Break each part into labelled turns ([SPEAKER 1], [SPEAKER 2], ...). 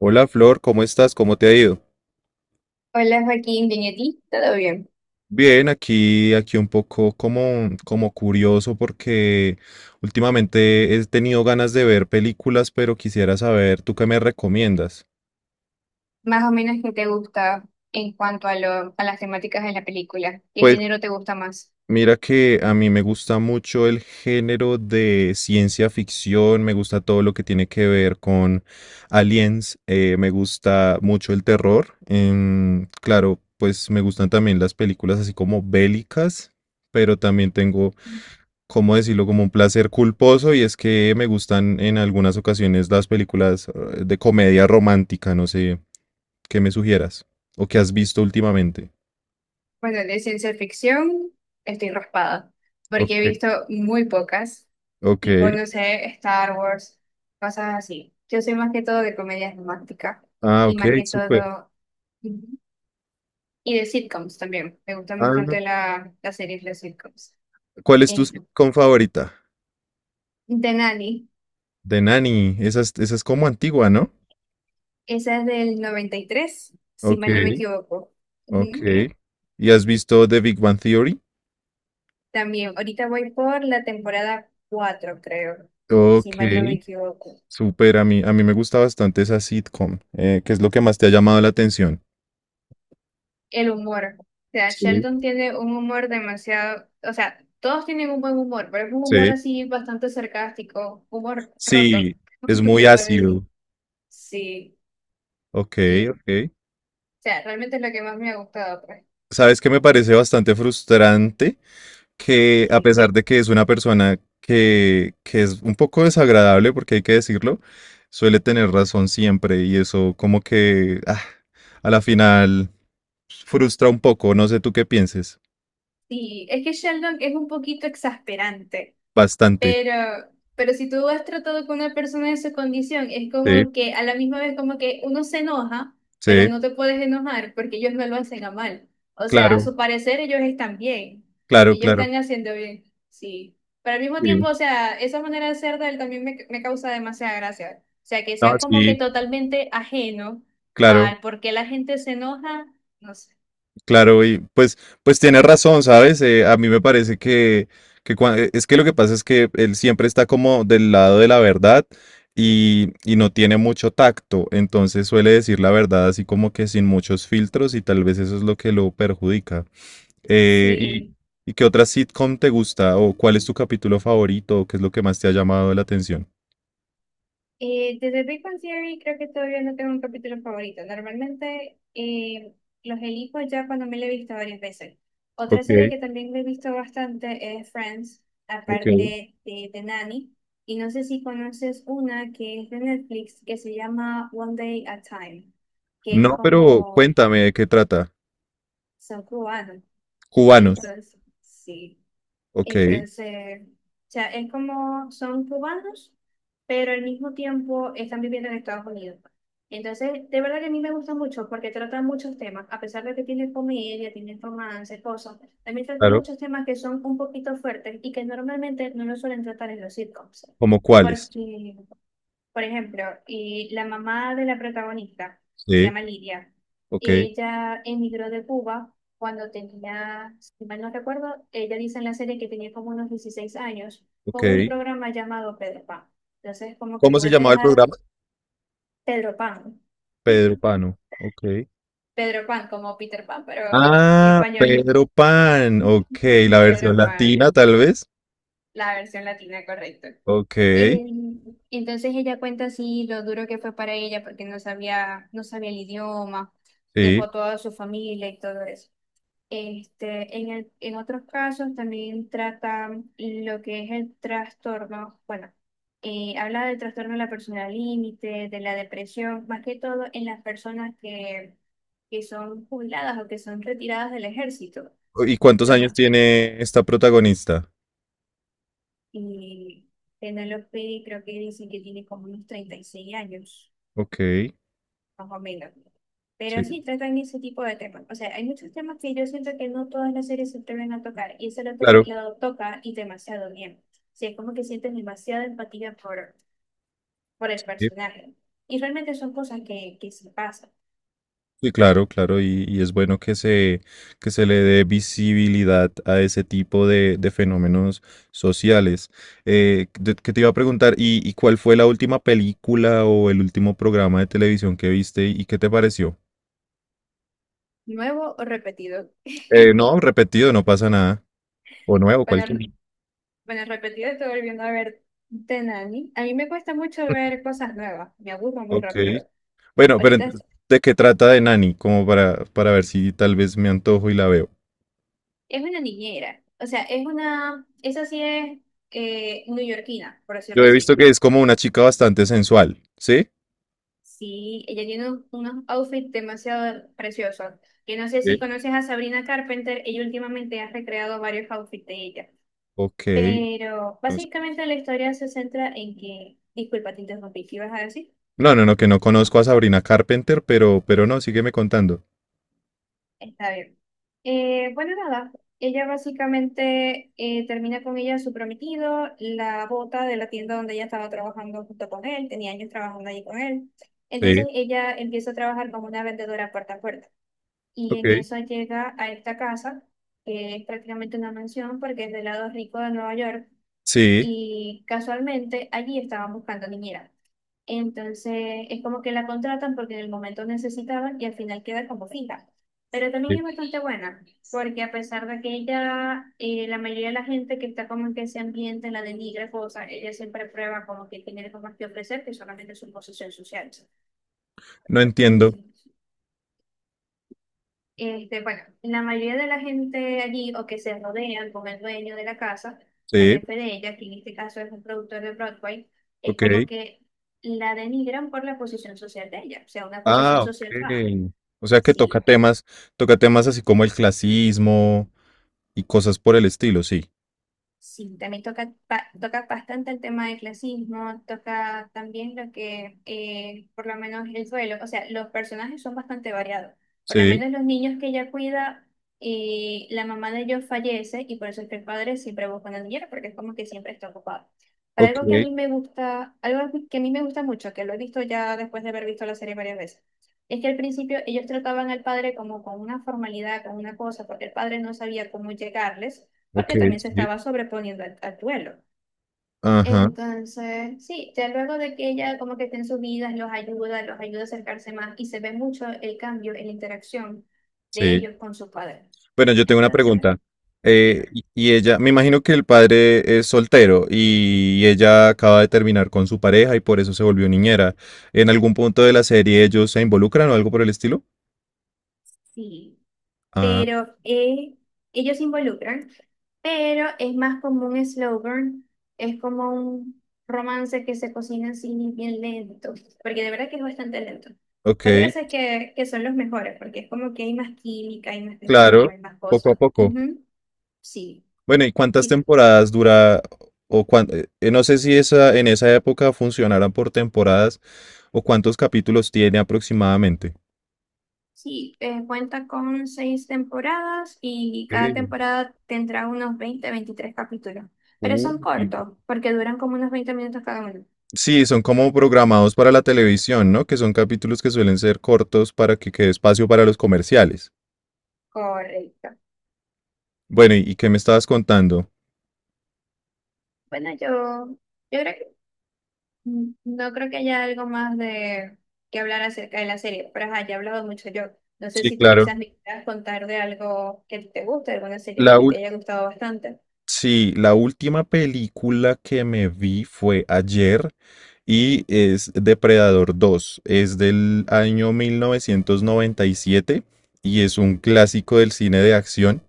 [SPEAKER 1] Hola Flor, ¿cómo estás? ¿Cómo te ha ido?
[SPEAKER 2] Hola Joaquín, bien, ¿y a ti? ¿Todo bien?
[SPEAKER 1] Bien, aquí un poco como curioso porque últimamente he tenido ganas de ver películas, pero quisiera saber, ¿tú qué me recomiendas?
[SPEAKER 2] Más o menos, ¿qué te gusta en cuanto a las temáticas de la película? ¿Qué
[SPEAKER 1] Pues
[SPEAKER 2] género te gusta más?
[SPEAKER 1] mira que a mí me gusta mucho el género de ciencia ficción, me gusta todo lo que tiene que ver con aliens, me gusta mucho el terror, claro, pues me gustan también las películas así como bélicas, pero también tengo, ¿cómo decirlo? Como un placer culposo y es que me gustan en algunas ocasiones las películas de comedia romántica, no sé, ¿qué me sugieras? ¿O qué has visto últimamente?
[SPEAKER 2] Bueno, de ciencia ficción estoy raspada, porque he
[SPEAKER 1] Ok,
[SPEAKER 2] visto muy pocas,
[SPEAKER 1] ok.
[SPEAKER 2] tipo, no sé, Star Wars, cosas así. Yo soy más que todo de comedias románticas
[SPEAKER 1] Ah,
[SPEAKER 2] y
[SPEAKER 1] ok,
[SPEAKER 2] más que
[SPEAKER 1] súper.
[SPEAKER 2] todo, Ujú, y de sitcoms también. Me gustan
[SPEAKER 1] Ah,
[SPEAKER 2] bastante las series de sitcoms.
[SPEAKER 1] ¿cuál es tu
[SPEAKER 2] Eh,
[SPEAKER 1] sitcom favorita?
[SPEAKER 2] de Nanny.
[SPEAKER 1] De Nanny, esa es como antigua, ¿no?
[SPEAKER 2] Esa es del 93, si
[SPEAKER 1] Ok,
[SPEAKER 2] mal no me equivoco.
[SPEAKER 1] ok.
[SPEAKER 2] Ujú.
[SPEAKER 1] ¿Y has visto The Big Bang Theory?
[SPEAKER 2] También, ahorita voy por la temporada 4, creo, si
[SPEAKER 1] Ok,
[SPEAKER 2] mal no me equivoco.
[SPEAKER 1] súper, a mí me gusta bastante esa sitcom. ¿Qué es lo que más te ha llamado la atención?
[SPEAKER 2] El humor. O sea,
[SPEAKER 1] Sí.
[SPEAKER 2] Sheldon tiene un humor demasiado, o sea, todos tienen un buen humor, pero es un humor
[SPEAKER 1] Sí.
[SPEAKER 2] así bastante sarcástico, humor roto,
[SPEAKER 1] Sí, es
[SPEAKER 2] no
[SPEAKER 1] muy
[SPEAKER 2] se puede decir.
[SPEAKER 1] ácido.
[SPEAKER 2] Sí,
[SPEAKER 1] Ok,
[SPEAKER 2] y, o
[SPEAKER 1] ok.
[SPEAKER 2] sea, realmente es lo que más me ha gustado, pues.
[SPEAKER 1] ¿Sabes qué me parece bastante frustrante? Que a
[SPEAKER 2] Sí.
[SPEAKER 1] pesar de que es una persona que es un poco desagradable, porque hay que decirlo, suele tener razón siempre y eso como que ah, a la final frustra un poco. No sé tú qué pienses.
[SPEAKER 2] Sí, es que Sheldon es un poquito exasperante.
[SPEAKER 1] Bastante.
[SPEAKER 2] Pero, pero si tú has tratado con una persona en su condición, es
[SPEAKER 1] Sí,
[SPEAKER 2] como que a la misma vez como que uno se enoja, pero
[SPEAKER 1] sí,
[SPEAKER 2] no te puedes enojar porque ellos no lo hacen a mal. O sea, a
[SPEAKER 1] claro,
[SPEAKER 2] su parecer ellos están bien.
[SPEAKER 1] claro,
[SPEAKER 2] Ellos
[SPEAKER 1] claro.
[SPEAKER 2] están haciendo bien. Sí. Pero al mismo
[SPEAKER 1] Sí,
[SPEAKER 2] tiempo, o sea, esa manera de ser de él también me causa demasiada gracia. O sea, que
[SPEAKER 1] no,
[SPEAKER 2] sea como que
[SPEAKER 1] sí,
[SPEAKER 2] totalmente ajeno
[SPEAKER 1] claro.
[SPEAKER 2] al por qué la gente se enoja, no sé.
[SPEAKER 1] Claro, y pues tienes razón, ¿sabes? A mí me parece que es que lo que pasa es que él siempre está como del lado de la verdad y no tiene mucho tacto, entonces suele decir la verdad así como que sin muchos filtros y tal vez eso es lo que lo perjudica. Eh, y,
[SPEAKER 2] Sí.
[SPEAKER 1] ¿Y qué otra sitcom te gusta? ¿O cuál es tu capítulo favorito? ¿O qué es lo que más te ha llamado la atención?
[SPEAKER 2] Desde Big Bang Theory creo que todavía no tengo un capítulo favorito. Normalmente los elijo ya cuando me lo he visto varias veces. Otra
[SPEAKER 1] Ok,
[SPEAKER 2] serie que también me he visto bastante es Friends,
[SPEAKER 1] ok.
[SPEAKER 2] aparte de Nanny. Y no sé si conoces una que es de Netflix que se llama One Day at a Time, que es
[SPEAKER 1] No, pero
[SPEAKER 2] como
[SPEAKER 1] cuéntame de qué trata.
[SPEAKER 2] son cubanos.
[SPEAKER 1] Cubanos.
[SPEAKER 2] Entonces, sí.
[SPEAKER 1] Ok,
[SPEAKER 2] Entonces, o sea, es como son cubanos, pero al mismo tiempo están viviendo en Estados Unidos. Entonces, de verdad que a mí me gusta mucho porque tratan muchos temas, a pesar de que tiene comedia, tiene romance, cosas, también tratan
[SPEAKER 1] claro.
[SPEAKER 2] muchos temas que son un poquito fuertes y que normalmente no los suelen tratar en los sitcoms.
[SPEAKER 1] ¿Cómo cuáles?
[SPEAKER 2] Porque por ejemplo, la mamá de la protagonista, se
[SPEAKER 1] Sí.
[SPEAKER 2] llama Lidia,
[SPEAKER 1] Ok,
[SPEAKER 2] ella emigró de Cuba cuando tenía, si mal no recuerdo, ella dice en la serie que tenía como unos 16 años,
[SPEAKER 1] ok.
[SPEAKER 2] con un programa llamado Pedro Pan. Entonces, como que
[SPEAKER 1] ¿Cómo se
[SPEAKER 2] tuvo que
[SPEAKER 1] llamaba el
[SPEAKER 2] dejar
[SPEAKER 1] programa?
[SPEAKER 2] Pedro Pan,
[SPEAKER 1] Pedro Pano. Ok.
[SPEAKER 2] Pedro Pan como Peter Pan, pero en
[SPEAKER 1] Ah,
[SPEAKER 2] español,
[SPEAKER 1] Pedro Pan. Ok, la versión
[SPEAKER 2] Pedro Pan,
[SPEAKER 1] latina tal vez.
[SPEAKER 2] la versión latina correcto.
[SPEAKER 1] Ok,
[SPEAKER 2] Em, entonces ella cuenta así lo duro que fue para ella porque no sabía el idioma,
[SPEAKER 1] sí.
[SPEAKER 2] dejó toda su familia y todo eso. Este, en otros casos también trata lo que es el trastorno, bueno, habla del trastorno de la personalidad límite, de la depresión, más que todo en las personas que son jubiladas o que son retiradas del ejército.
[SPEAKER 1] ¿Y cuántos
[SPEAKER 2] Los,
[SPEAKER 1] años tiene esta protagonista?
[SPEAKER 2] y Penélope creo que dicen que tiene como unos 36 años,
[SPEAKER 1] Ok,
[SPEAKER 2] más o menos. Pero
[SPEAKER 1] sí.
[SPEAKER 2] sí tratan ese tipo de temas. O sea, hay muchos temas que yo siento que no todas las series se atreven a tocar y ese
[SPEAKER 1] Claro.
[SPEAKER 2] lo toca y demasiado bien. O sea, es como que sientes demasiada empatía por el personaje. Y realmente son cosas que se pasan.
[SPEAKER 1] Sí, claro, claro, y es bueno que se le dé visibilidad a ese tipo de fenómenos sociales. Que te iba a preguntar, ¿y cuál fue la última película o el último programa de televisión que viste y qué te pareció?
[SPEAKER 2] ¿Nuevo o repetido?
[SPEAKER 1] No, repetido, no pasa nada. O nuevo, cualquier.
[SPEAKER 2] Bueno, bueno, repetido estoy volviendo a ver Tenani. A mí me cuesta mucho ver cosas nuevas. Me aburro muy
[SPEAKER 1] Ok.
[SPEAKER 2] rápido.
[SPEAKER 1] Bueno, pero
[SPEAKER 2] Ahorita es,
[SPEAKER 1] entonces, ¿de qué trata de Nani? Como para ver si tal vez me antojo y la veo.
[SPEAKER 2] es una niñera. O sea, es una... Esa sí es neoyorquina, por
[SPEAKER 1] Yo
[SPEAKER 2] decirlo
[SPEAKER 1] he visto
[SPEAKER 2] así.
[SPEAKER 1] que es como una chica bastante sensual, ¿sí?
[SPEAKER 2] Sí, ella tiene unos outfits demasiado preciosos. Que no sé si
[SPEAKER 1] Sí.
[SPEAKER 2] conoces a Sabrina Carpenter, ella últimamente ha recreado varios outfits de ella.
[SPEAKER 1] Ok.
[SPEAKER 2] Pero
[SPEAKER 1] no
[SPEAKER 2] básicamente la historia se centra en que, disculpa, te interrumpí, ¿qué ibas a decir?
[SPEAKER 1] No, no, no, que no conozco a Sabrina Carpenter, pero no, sígueme contando.
[SPEAKER 2] Está bien. Bueno, nada, ella básicamente termina con ella su prometido, la bota de la tienda donde ella estaba trabajando junto con él, tenía años trabajando allí con él.
[SPEAKER 1] Sí,
[SPEAKER 2] Entonces ella empieza a trabajar como una vendedora puerta a puerta, y
[SPEAKER 1] ok.
[SPEAKER 2] en eso llega a esta casa, que es prácticamente una mansión porque es del lado rico de Nueva York,
[SPEAKER 1] Sí,
[SPEAKER 2] y casualmente allí estaban buscando niñera. Entonces es como que la contratan porque en el momento necesitaban y al final queda como fija. Pero también
[SPEAKER 1] sí.
[SPEAKER 2] es bastante buena, porque a pesar de que ella, la mayoría de la gente que está como en ese ambiente la denigra, cosa, ella siempre prueba como que tiene algo más que ofrecer que solamente su posición social.
[SPEAKER 1] No
[SPEAKER 2] Y
[SPEAKER 1] entiendo.
[SPEAKER 2] Este, bueno, la mayoría de la gente allí o que se rodean con el dueño de la casa, con el
[SPEAKER 1] Sí,
[SPEAKER 2] jefe de ella, que en este caso es un productor de Broadway, es
[SPEAKER 1] ok.
[SPEAKER 2] como que la denigran por la posición social de ella, o sea, una posición
[SPEAKER 1] Ah,
[SPEAKER 2] social baja.
[SPEAKER 1] ok. O sea que
[SPEAKER 2] Sí,
[SPEAKER 1] toca temas así como el clasismo y cosas por el estilo, sí.
[SPEAKER 2] sí, también toca, toca bastante el tema del clasismo, toca también lo que, por lo menos el duelo, o sea, los personajes son bastante variados. Por lo
[SPEAKER 1] Sí,
[SPEAKER 2] menos los niños que ella cuida, la mamá de ellos fallece y por eso es que el padre siempre busca una niñera, porque es como que siempre está ocupado. Pero
[SPEAKER 1] ok,
[SPEAKER 2] algo que a mí me gusta, algo que a mí me gusta mucho, que lo he visto ya después de haber visto la serie varias veces, es que al principio ellos trataban al padre como con una formalidad, con una cosa, porque el padre no sabía cómo llegarles
[SPEAKER 1] ok,
[SPEAKER 2] porque también se
[SPEAKER 1] sí.
[SPEAKER 2] estaba sobreponiendo al duelo.
[SPEAKER 1] Ajá,
[SPEAKER 2] Entonces, sí, ya luego de que ella como que esté en sus vidas, los ayuda a acercarse más y se ve mucho el cambio en la interacción de
[SPEAKER 1] sí.
[SPEAKER 2] ellos con su padre.
[SPEAKER 1] Bueno, yo tengo una
[SPEAKER 2] Entonces,
[SPEAKER 1] pregunta. Eh,
[SPEAKER 2] dime.
[SPEAKER 1] y y ella, me imagino que el padre es soltero y ella acaba de terminar con su pareja y por eso se volvió niñera. ¿En algún punto de la serie ellos se involucran o algo por el estilo?
[SPEAKER 2] ¿Y
[SPEAKER 1] Ah,
[SPEAKER 2] pero eh, ellos se involucran, pero es más como un slow burn, es como un romance que se cocina así bien lento, porque de verdad que es bastante lento.
[SPEAKER 1] ok,
[SPEAKER 2] Pero hay veces que son los mejores, porque es como que hay más química, hay más tensión,
[SPEAKER 1] claro,
[SPEAKER 2] hay más
[SPEAKER 1] poco a
[SPEAKER 2] cosas.
[SPEAKER 1] poco.
[SPEAKER 2] Ujú, Sí,
[SPEAKER 1] Bueno, ¿y cuántas
[SPEAKER 2] sí,
[SPEAKER 1] temporadas dura? O no sé si esa, en esa época funcionaran por temporadas o cuántos capítulos tiene aproximadamente.
[SPEAKER 2] sí, cuenta con 6 temporadas y cada
[SPEAKER 1] Ok.
[SPEAKER 2] temporada tendrá unos 20-23 capítulos, pero son
[SPEAKER 1] Uy,
[SPEAKER 2] cortos, porque duran como unos 20 minutos cada uno.
[SPEAKER 1] sí, son como programados para la televisión, ¿no? Que son capítulos que suelen ser cortos para que quede espacio para los comerciales.
[SPEAKER 2] Correcto.
[SPEAKER 1] Bueno, ¿y qué me estabas contando?
[SPEAKER 2] Bueno, yo, yo creo que no creo que haya algo más de que hablar acerca de la serie, pero ajá, ya he hablado mucho yo. No sé
[SPEAKER 1] Sí,
[SPEAKER 2] si tú
[SPEAKER 1] claro.
[SPEAKER 2] quizás me quieras contar de algo que a ti te guste, alguna serie que a
[SPEAKER 1] La
[SPEAKER 2] ti
[SPEAKER 1] ul-
[SPEAKER 2] te haya gustado bastante.
[SPEAKER 1] sí, la última película que me vi fue ayer y es Depredador 2. Es del año 1997 y es un clásico del cine de acción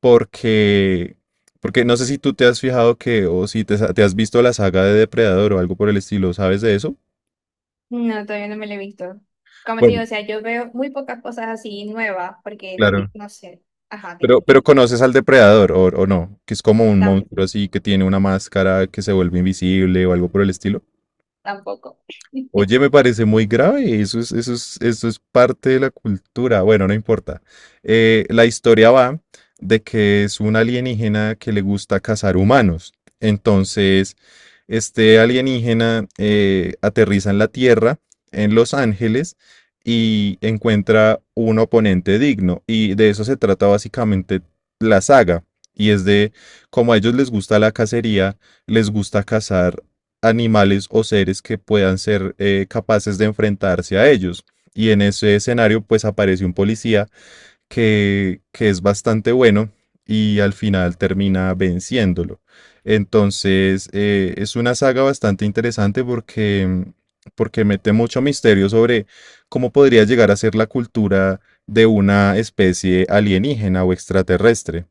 [SPEAKER 1] porque, porque no sé si tú te has fijado que o si te has visto la saga de Depredador o algo por el estilo, ¿sabes de eso?
[SPEAKER 2] No, todavía no me la he visto. Como te
[SPEAKER 1] Bueno,
[SPEAKER 2] digo, o sea, yo veo muy pocas cosas así nuevas, porque
[SPEAKER 1] claro.
[SPEAKER 2] no sé, ajá,
[SPEAKER 1] Pero,
[SPEAKER 2] dime,
[SPEAKER 1] pero conoces al depredador o no, que es como un
[SPEAKER 2] tam-
[SPEAKER 1] monstruo así que tiene una máscara que se vuelve invisible o algo por el estilo.
[SPEAKER 2] tampoco.
[SPEAKER 1] Oye, me parece muy grave, eso es parte de la cultura. Bueno, no importa. La historia va de que es un alienígena que le gusta cazar humanos. Entonces, este alienígena aterriza en la Tierra, en Los Ángeles, y encuentra un oponente digno. Y de eso se trata básicamente la saga. Y es de como a ellos les gusta la cacería, les gusta cazar animales o seres que puedan ser capaces de enfrentarse a ellos. Y en ese escenario pues aparece un policía que es bastante bueno y al final termina venciéndolo. Entonces, es una saga bastante interesante porque mete mucho misterio sobre cómo podría llegar a ser la cultura de una especie alienígena o extraterrestre.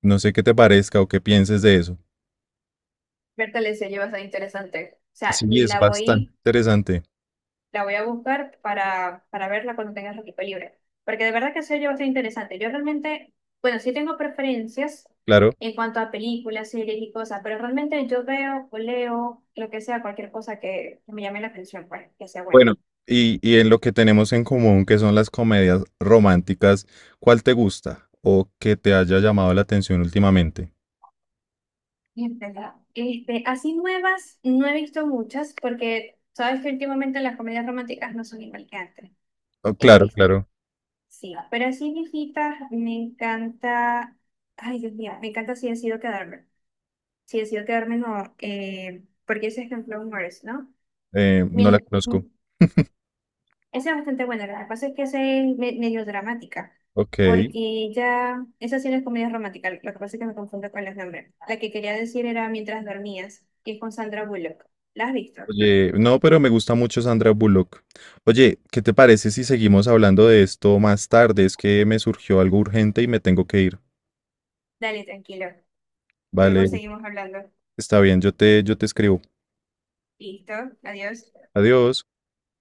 [SPEAKER 1] No sé qué te parezca o qué pienses de eso.
[SPEAKER 2] Berta le se bastante interesante. O sea,
[SPEAKER 1] Sí, es
[SPEAKER 2] la
[SPEAKER 1] bastante
[SPEAKER 2] voy.
[SPEAKER 1] interesante,
[SPEAKER 2] La voy a buscar para verla cuando tenga el equipo libre. Porque de verdad que se yo bastante interesante. Yo realmente, bueno, sí tengo preferencias
[SPEAKER 1] claro.
[SPEAKER 2] en cuanto a películas, series y cosas, pero realmente yo veo o leo lo que sea, cualquier cosa que me llame la atención, pues, que sea buena.
[SPEAKER 1] Bueno, y en lo que tenemos en común, que son las comedias románticas, ¿cuál te gusta o que te haya llamado la atención últimamente?
[SPEAKER 2] Es verdad. Este, así nuevas, no he visto muchas, porque sabes que últimamente las comedias románticas no son igual que antes.
[SPEAKER 1] Oh, claro,
[SPEAKER 2] Eh,
[SPEAKER 1] claro,
[SPEAKER 2] sí, pero así viejitas, me encanta. Ay, Dios mío, me encanta si decido quedarme. Si decido quedarme no, porque ese es en Flow, ¿no?
[SPEAKER 1] no la
[SPEAKER 2] Bien,
[SPEAKER 1] conozco.
[SPEAKER 2] esa es bastante buena, lo que pasa es que esa es medio dramática,
[SPEAKER 1] Ok.
[SPEAKER 2] porque ya, esa sí no es comedia romántica, lo que pasa es que me confundo con los nombres. La que quería decir era Mientras dormías, que es con Sandra Bullock. ¿La has visto?
[SPEAKER 1] Oye, no, pero me gusta mucho Sandra Bullock. Oye, ¿qué te parece si seguimos hablando de esto más tarde? Es que me surgió algo urgente y me tengo que ir.
[SPEAKER 2] Dale, tranquilo. Luego
[SPEAKER 1] Vale,
[SPEAKER 2] seguimos hablando.
[SPEAKER 1] está bien, yo te escribo.
[SPEAKER 2] Listo, adiós.
[SPEAKER 1] Adiós.